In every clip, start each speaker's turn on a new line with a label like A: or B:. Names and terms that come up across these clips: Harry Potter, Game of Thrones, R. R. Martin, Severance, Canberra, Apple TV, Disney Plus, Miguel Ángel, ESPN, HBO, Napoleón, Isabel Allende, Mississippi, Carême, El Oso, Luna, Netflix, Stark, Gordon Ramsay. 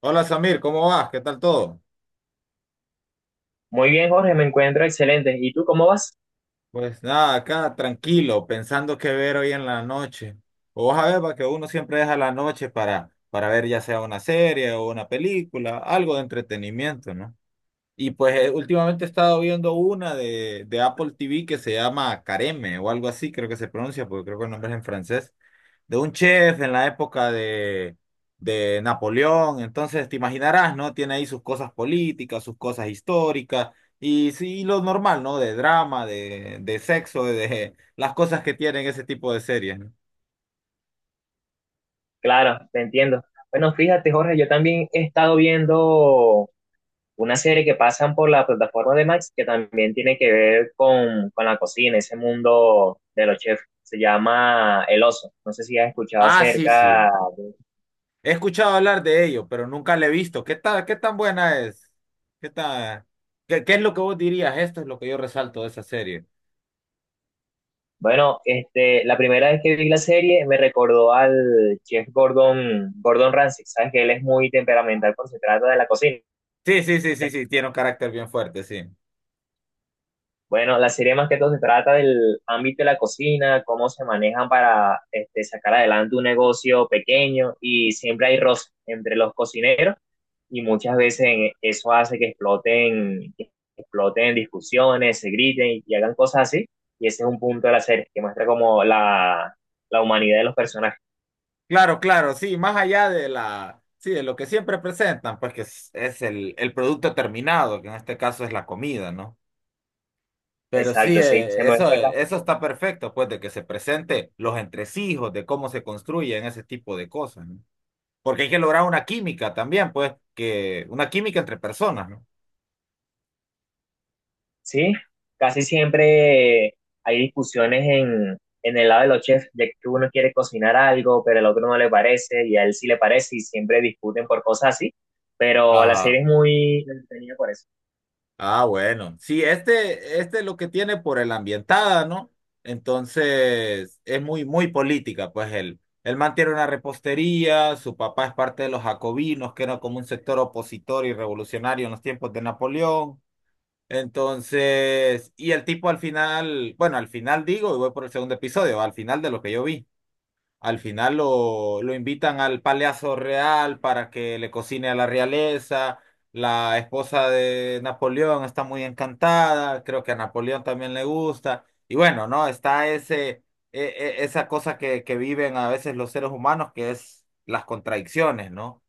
A: Hola Samir, ¿cómo vas? ¿Qué tal todo?
B: Muy bien, Jorge, me encuentro excelente. ¿Y tú cómo vas?
A: Pues nada, acá tranquilo, pensando qué ver hoy en la noche. O vas a ver, va, que uno siempre deja la noche para ver ya sea una serie o una película, algo de entretenimiento, ¿no? Y pues últimamente he estado viendo una de Apple TV que se llama Careme o algo así, creo que se pronuncia, porque creo que el nombre es en francés. De un chef en la época de Napoleón. Entonces, te imaginarás, ¿no? Tiene ahí sus cosas políticas, sus cosas históricas y sí, lo normal, ¿no? De drama, de sexo, de las cosas que tienen ese tipo de series, ¿no?
B: Claro, te entiendo. Bueno, fíjate, Jorge, yo también he estado viendo una serie que pasan por la plataforma de Max que también tiene que ver con la cocina, ese mundo de los chefs. Se llama El Oso. No sé si has escuchado
A: Ah, sí, sí.
B: acerca de-
A: He escuchado hablar de ello, pero nunca la he visto. ¿Qué tal, qué tan buena es? ¿Qué tan, qué es lo que vos dirías? Esto es lo que yo resalto de esa serie.
B: Bueno, este, la primera vez que vi la serie me recordó al chef Gordon Ramsay. Sabes que él es muy temperamental cuando se trata de la cocina.
A: Sí, sí, sí, sí, sí, tiene un carácter bien fuerte, sí.
B: Bueno, la serie más que todo se trata del ámbito de la cocina, cómo se manejan para este, sacar adelante un negocio pequeño y siempre hay roces entre los cocineros y muchas veces eso hace que exploten discusiones, se griten y hagan cosas así. Y ese es un punto de la serie que muestra como la humanidad de los personajes.
A: Claro, claro, sí, más allá de la, sí, de lo que siempre presentan, pues que es el producto terminado, que en este caso es la comida, ¿no? Pero sí,
B: Exacto, sí, se muestra casi.
A: eso está perfecto, pues, de que se presente los entresijos, de cómo se construyen ese tipo de cosas, ¿no? Porque hay que lograr una química también, pues, que, una química entre personas, ¿no?
B: Sí, casi siempre hay discusiones en el lado de los chefs, de que uno quiere cocinar algo, pero el otro no le parece, y a él sí le parece, y siempre discuten por cosas así. Pero la serie
A: Ajá.
B: es muy entretenida por eso.
A: Ah, bueno. Sí, este lo que tiene por el ambientada, ¿no? Entonces, es muy, muy política, pues él. Él mantiene una repostería, su papá es parte de los jacobinos, que era como un sector opositor y revolucionario en los tiempos de Napoleón. Entonces, y el tipo al final, bueno, al final digo, y voy por el segundo episodio, al final de lo que yo vi. Al final lo invitan al Palacio Real para que le cocine a la realeza. La esposa de Napoleón está muy encantada, creo que a Napoleón también le gusta. Y bueno, ¿no? Está esa cosa que viven a veces los seres humanos, que es las contradicciones, ¿no?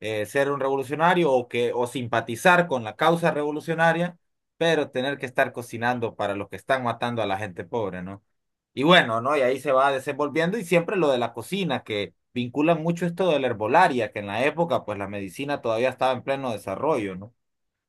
A: Ser un revolucionario o simpatizar con la causa revolucionaria, pero tener que estar cocinando para los que están matando a la gente pobre, ¿no? Y bueno, ¿no? Y ahí se va desenvolviendo y siempre lo de la cocina, que vinculan mucho esto de la herbolaria, que en la época pues la medicina todavía estaba en pleno desarrollo, ¿no?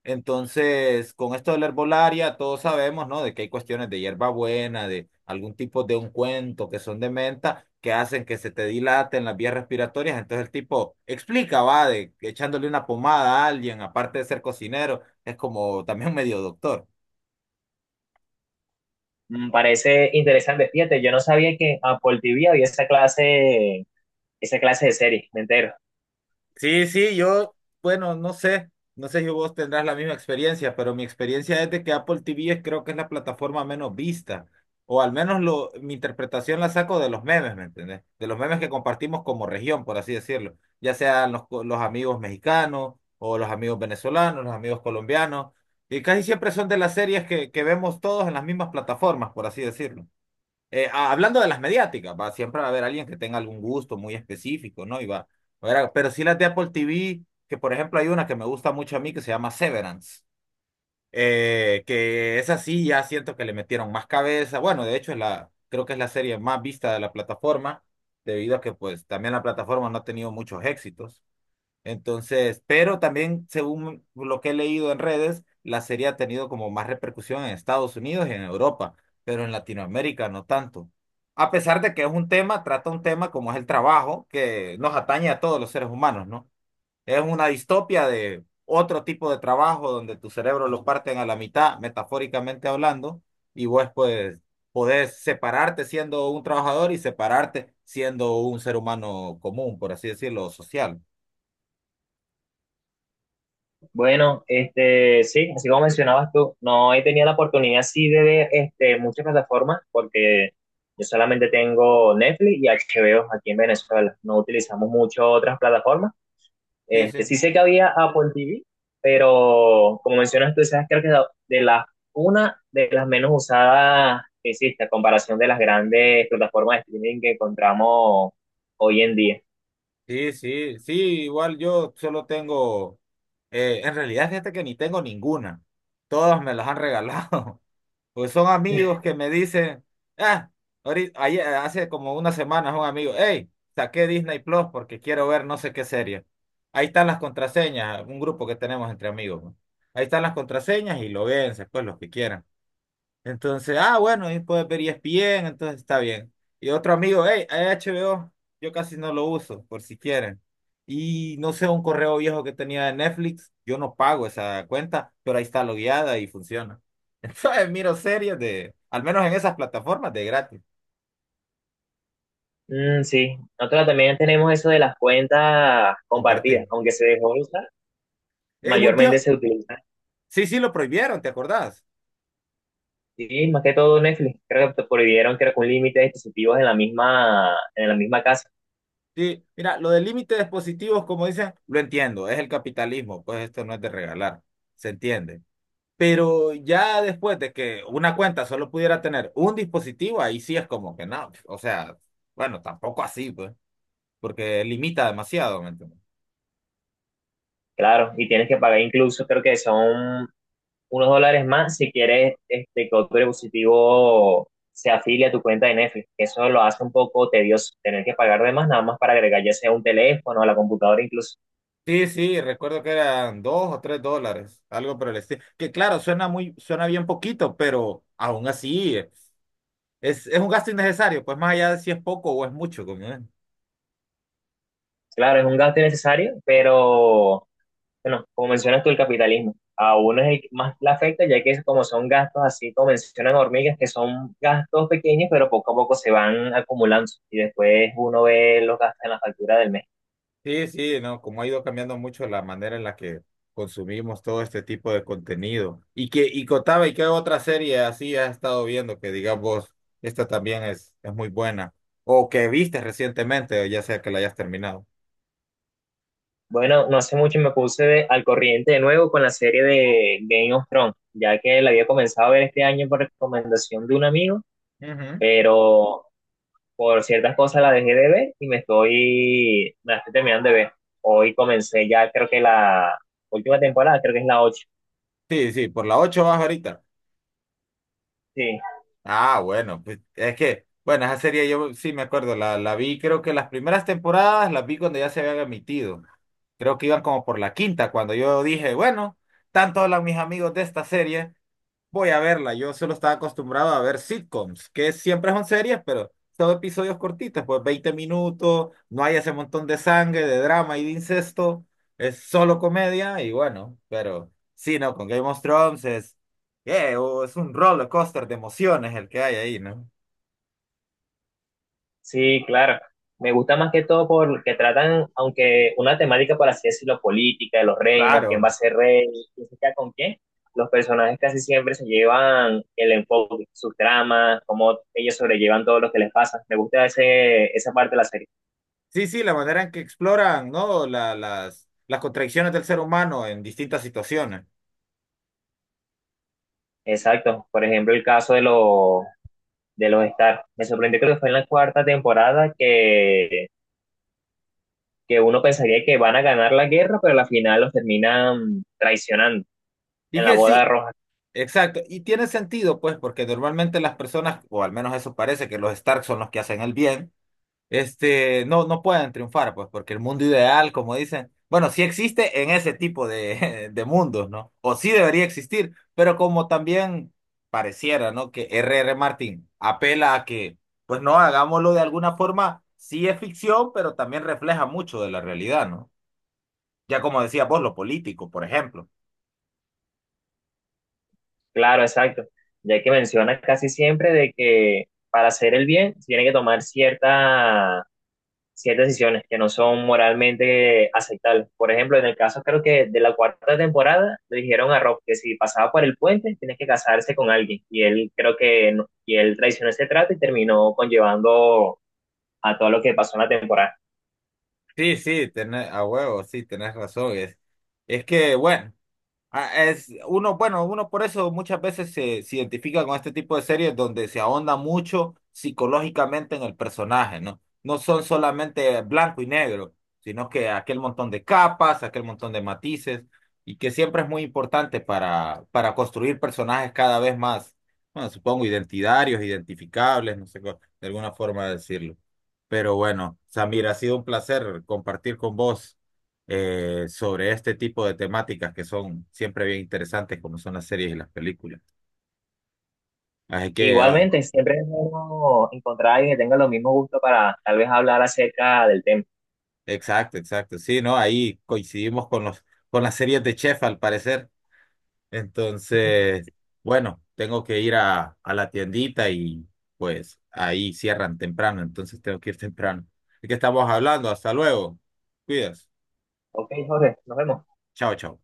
A: Entonces, con esto de la herbolaria, todos sabemos, ¿no? De que hay cuestiones de hierbabuena, de algún tipo de ungüento que son de menta, que hacen que se te dilaten las vías respiratorias. Entonces el tipo explica, va, de que echándole una pomada a alguien, aparte de ser cocinero, es como también medio doctor.
B: Mm, parece interesante. Fíjate, yo no sabía que Apple TV había esa clase de series, me entero.
A: Sí, sí, yo, bueno, no sé si vos tendrás la misma experiencia, pero mi experiencia es de que Apple TV creo que es la plataforma menos vista, o al menos mi interpretación la saco de los memes, ¿me entendés? De los memes que compartimos como región, por así decirlo, ya sean los amigos mexicanos o los amigos venezolanos, los amigos colombianos, y casi siempre son de las series que vemos todos en las mismas plataformas, por así decirlo. Hablando de las mediáticas, va, siempre va a haber alguien que tenga algún gusto muy específico, ¿no? Y pero sí las de Apple TV, que por ejemplo hay una que me gusta mucho a mí que se llama Severance, que es así, ya siento que le metieron más cabeza. Bueno, de hecho es la, creo que es la serie más vista de la plataforma, debido a que pues también la plataforma no ha tenido muchos éxitos. Entonces, pero también, según lo que he leído en redes, la serie ha tenido como más repercusión en Estados Unidos y en Europa, pero en Latinoamérica no tanto. A pesar de que es un tema, trata un tema como es el trabajo, que nos atañe a todos los seres humanos, ¿no? Es una distopia de otro tipo de trabajo donde tu cerebro lo parten a la mitad, metafóricamente hablando, y vos pues podés separarte siendo un trabajador y separarte siendo un ser humano común, por así decirlo, social.
B: Bueno, este, sí, así como mencionabas tú, no he tenido la oportunidad sí de ver este, muchas plataformas porque yo solamente tengo Netflix y HBO aquí en Venezuela. No utilizamos mucho otras plataformas.
A: Sí, sí.
B: Este, sí sé que había Apple TV, pero como mencionas tú, esa es creo que de las, una de las menos usadas que existe a comparación de las grandes plataformas de streaming que encontramos hoy en día.
A: Sí, sí, sí, igual en realidad fíjate que ni tengo ninguna, todas me las han regalado, pues son amigos que me dicen, ah, ahorita, ayer, hace como unas semanas un amigo, hey, saqué Disney Plus porque quiero ver no sé qué serie, ahí están las contraseñas, un grupo que tenemos entre amigos, ¿no? Ahí están las contraseñas y lo ven, pues los que quieran. Entonces, ah, bueno, y puedes ver ESPN, entonces está bien. Y otro amigo, hey, HBO, yo casi no lo uso, por si quieren. Y no sé, un correo viejo que tenía de Netflix, yo no pago esa cuenta, pero ahí está logueada y funciona. Entonces, miro series de, al menos en esas plataformas, de gratis,
B: Mm, sí, nosotros también tenemos eso de las cuentas compartidas,
A: compartir.
B: aunque se dejó de usar,
A: En un tío,
B: mayormente se utiliza.
A: sí, sí, lo prohibieron, ¿te acordás?
B: Sí, más que todo Netflix, creo que prohibieron creo que un límite de dispositivos en la misma casa,
A: Sí, mira, lo del límite de dispositivos, como dicen, lo entiendo, es el capitalismo, pues esto no es de regalar, se entiende. Pero ya después de que una cuenta solo pudiera tener un dispositivo, ahí sí es como que no, o sea, bueno, tampoco así, pues, porque limita demasiado, ¿me entiendes?
B: claro, y tienes que pagar incluso, creo que son unos dólares más si quieres este, que otro dispositivo se afilie a tu cuenta de Netflix. Eso lo hace un poco tedioso, tener que pagar de más nada más para agregar ya sea un teléfono, a la computadora incluso.
A: Sí, sí, recuerdo que eran dos o tres dólares, algo por el estilo. Que claro, suena muy, suena bien poquito, pero aún así es un gasto innecesario, pues más allá de si es poco o es mucho, como es.
B: Claro, es un gasto innecesario, pero bueno, como mencionas tú, el capitalismo. A uno es el que más le afecta, ya que como son gastos, así como mencionan hormigas, que son gastos pequeños, pero poco a poco se van acumulando y después uno ve los gastos en la factura del mes.
A: Sí, sí, no, como ha ido cambiando mucho la manera en la que consumimos todo este tipo de contenido. Y que, y contaba, ¿y qué otra serie así has estado viendo que digas vos, esta también es muy buena? O que viste recientemente, ya sea que la hayas terminado.
B: Bueno, no hace mucho me puse al corriente de nuevo con la serie de Game of Thrones, ya que la había comenzado a ver este año por recomendación de un amigo,
A: Ujú.
B: pero por ciertas cosas la dejé de ver y me la estoy terminando de ver. Hoy comencé ya, creo que la última temporada, creo que es la ocho.
A: Sí, sí, por la 8 vas ahorita.
B: Sí.
A: Ah, bueno, pues es que, bueno, esa serie yo sí me acuerdo, la vi, creo que las primeras temporadas las vi cuando ya se habían emitido. Creo que iban como por la quinta, cuando yo dije, bueno, tanto hablan mis amigos de esta serie. Voy a verla. Yo solo estaba acostumbrado a ver sitcoms, que siempre son series, pero son episodios cortitos, pues 20 minutos, no hay ese montón de sangre, de drama y de incesto, es solo comedia y bueno, pero sí, no, con Game of Thrones es, es un roller coaster de emociones el que hay ahí, ¿no?
B: Sí, claro. Me gusta más que todo porque tratan, aunque una temática, por así decirlo, política, de los reinos, quién
A: Claro.
B: va a ser rey, quién se queda con quién, los personajes casi siempre se llevan el enfoque, sus tramas, cómo ellos sobrellevan todo lo que les pasa. Me gusta ese, esa parte de la serie.
A: Sí, sí, la manera en que exploran, ¿no? Las contradicciones del ser humano en distintas situaciones.
B: Exacto. Por ejemplo, el caso de los Stark. Me sorprendió creo que fue en la cuarta temporada que uno pensaría que van a ganar la guerra, pero al final los terminan traicionando
A: Y es
B: en la
A: que
B: boda
A: sí,
B: roja.
A: exacto, y tiene sentido, pues, porque normalmente las personas, o al menos eso parece que los Stark son los que hacen el bien, este, no, no pueden triunfar, pues, porque el mundo ideal, como dicen, bueno, sí existe en ese tipo de, de mundos, ¿no? O sí debería existir, pero como también pareciera, ¿no? Que R. R. Martin apela a que, pues, no, hagámoslo de alguna forma, sí es ficción, pero también refleja mucho de la realidad, ¿no? Ya como decía vos, lo político, por ejemplo.
B: Claro, exacto. Ya que mencionas casi siempre de que para hacer el bien se tiene que tomar cierta, ciertas decisiones que no son moralmente aceptables. Por ejemplo, en el caso creo que de la cuarta temporada le dijeron a Rob que si pasaba por el puente tiene que casarse con alguien. Y él creo que y él traicionó ese trato y terminó conllevando a todo lo que pasó en la temporada.
A: Sí, sí, tenés, a huevo, sí, tenés razón. Es que, bueno. Ah, es uno, bueno, uno por eso muchas veces se identifica con este tipo de series donde se ahonda mucho psicológicamente en el personaje, ¿no? No son solamente blanco y negro, sino que aquel montón de capas, aquel montón de matices, y que siempre es muy importante para construir personajes cada vez más, bueno, supongo, identitarios, identificables, no sé, cómo- de alguna forma decirlo. Pero bueno, Samir, ha sido un placer compartir con vos sobre este tipo de temáticas que son siempre bien interesantes, como son las series y las películas. Así que, ah,
B: Igualmente, siempre es bueno encontrar a alguien que tenga los mismos gustos para tal vez hablar acerca del tema.
A: exacto, exacto. Sí, ¿no? Ahí coincidimos con los, con las series de Chef, al parecer. Entonces, bueno, tengo que ir a la tiendita y pues ahí cierran temprano, entonces tengo que ir temprano. ¿De qué estamos hablando? Hasta luego. Cuidas.
B: Ok, Jorge, nos vemos.
A: Chao, chao.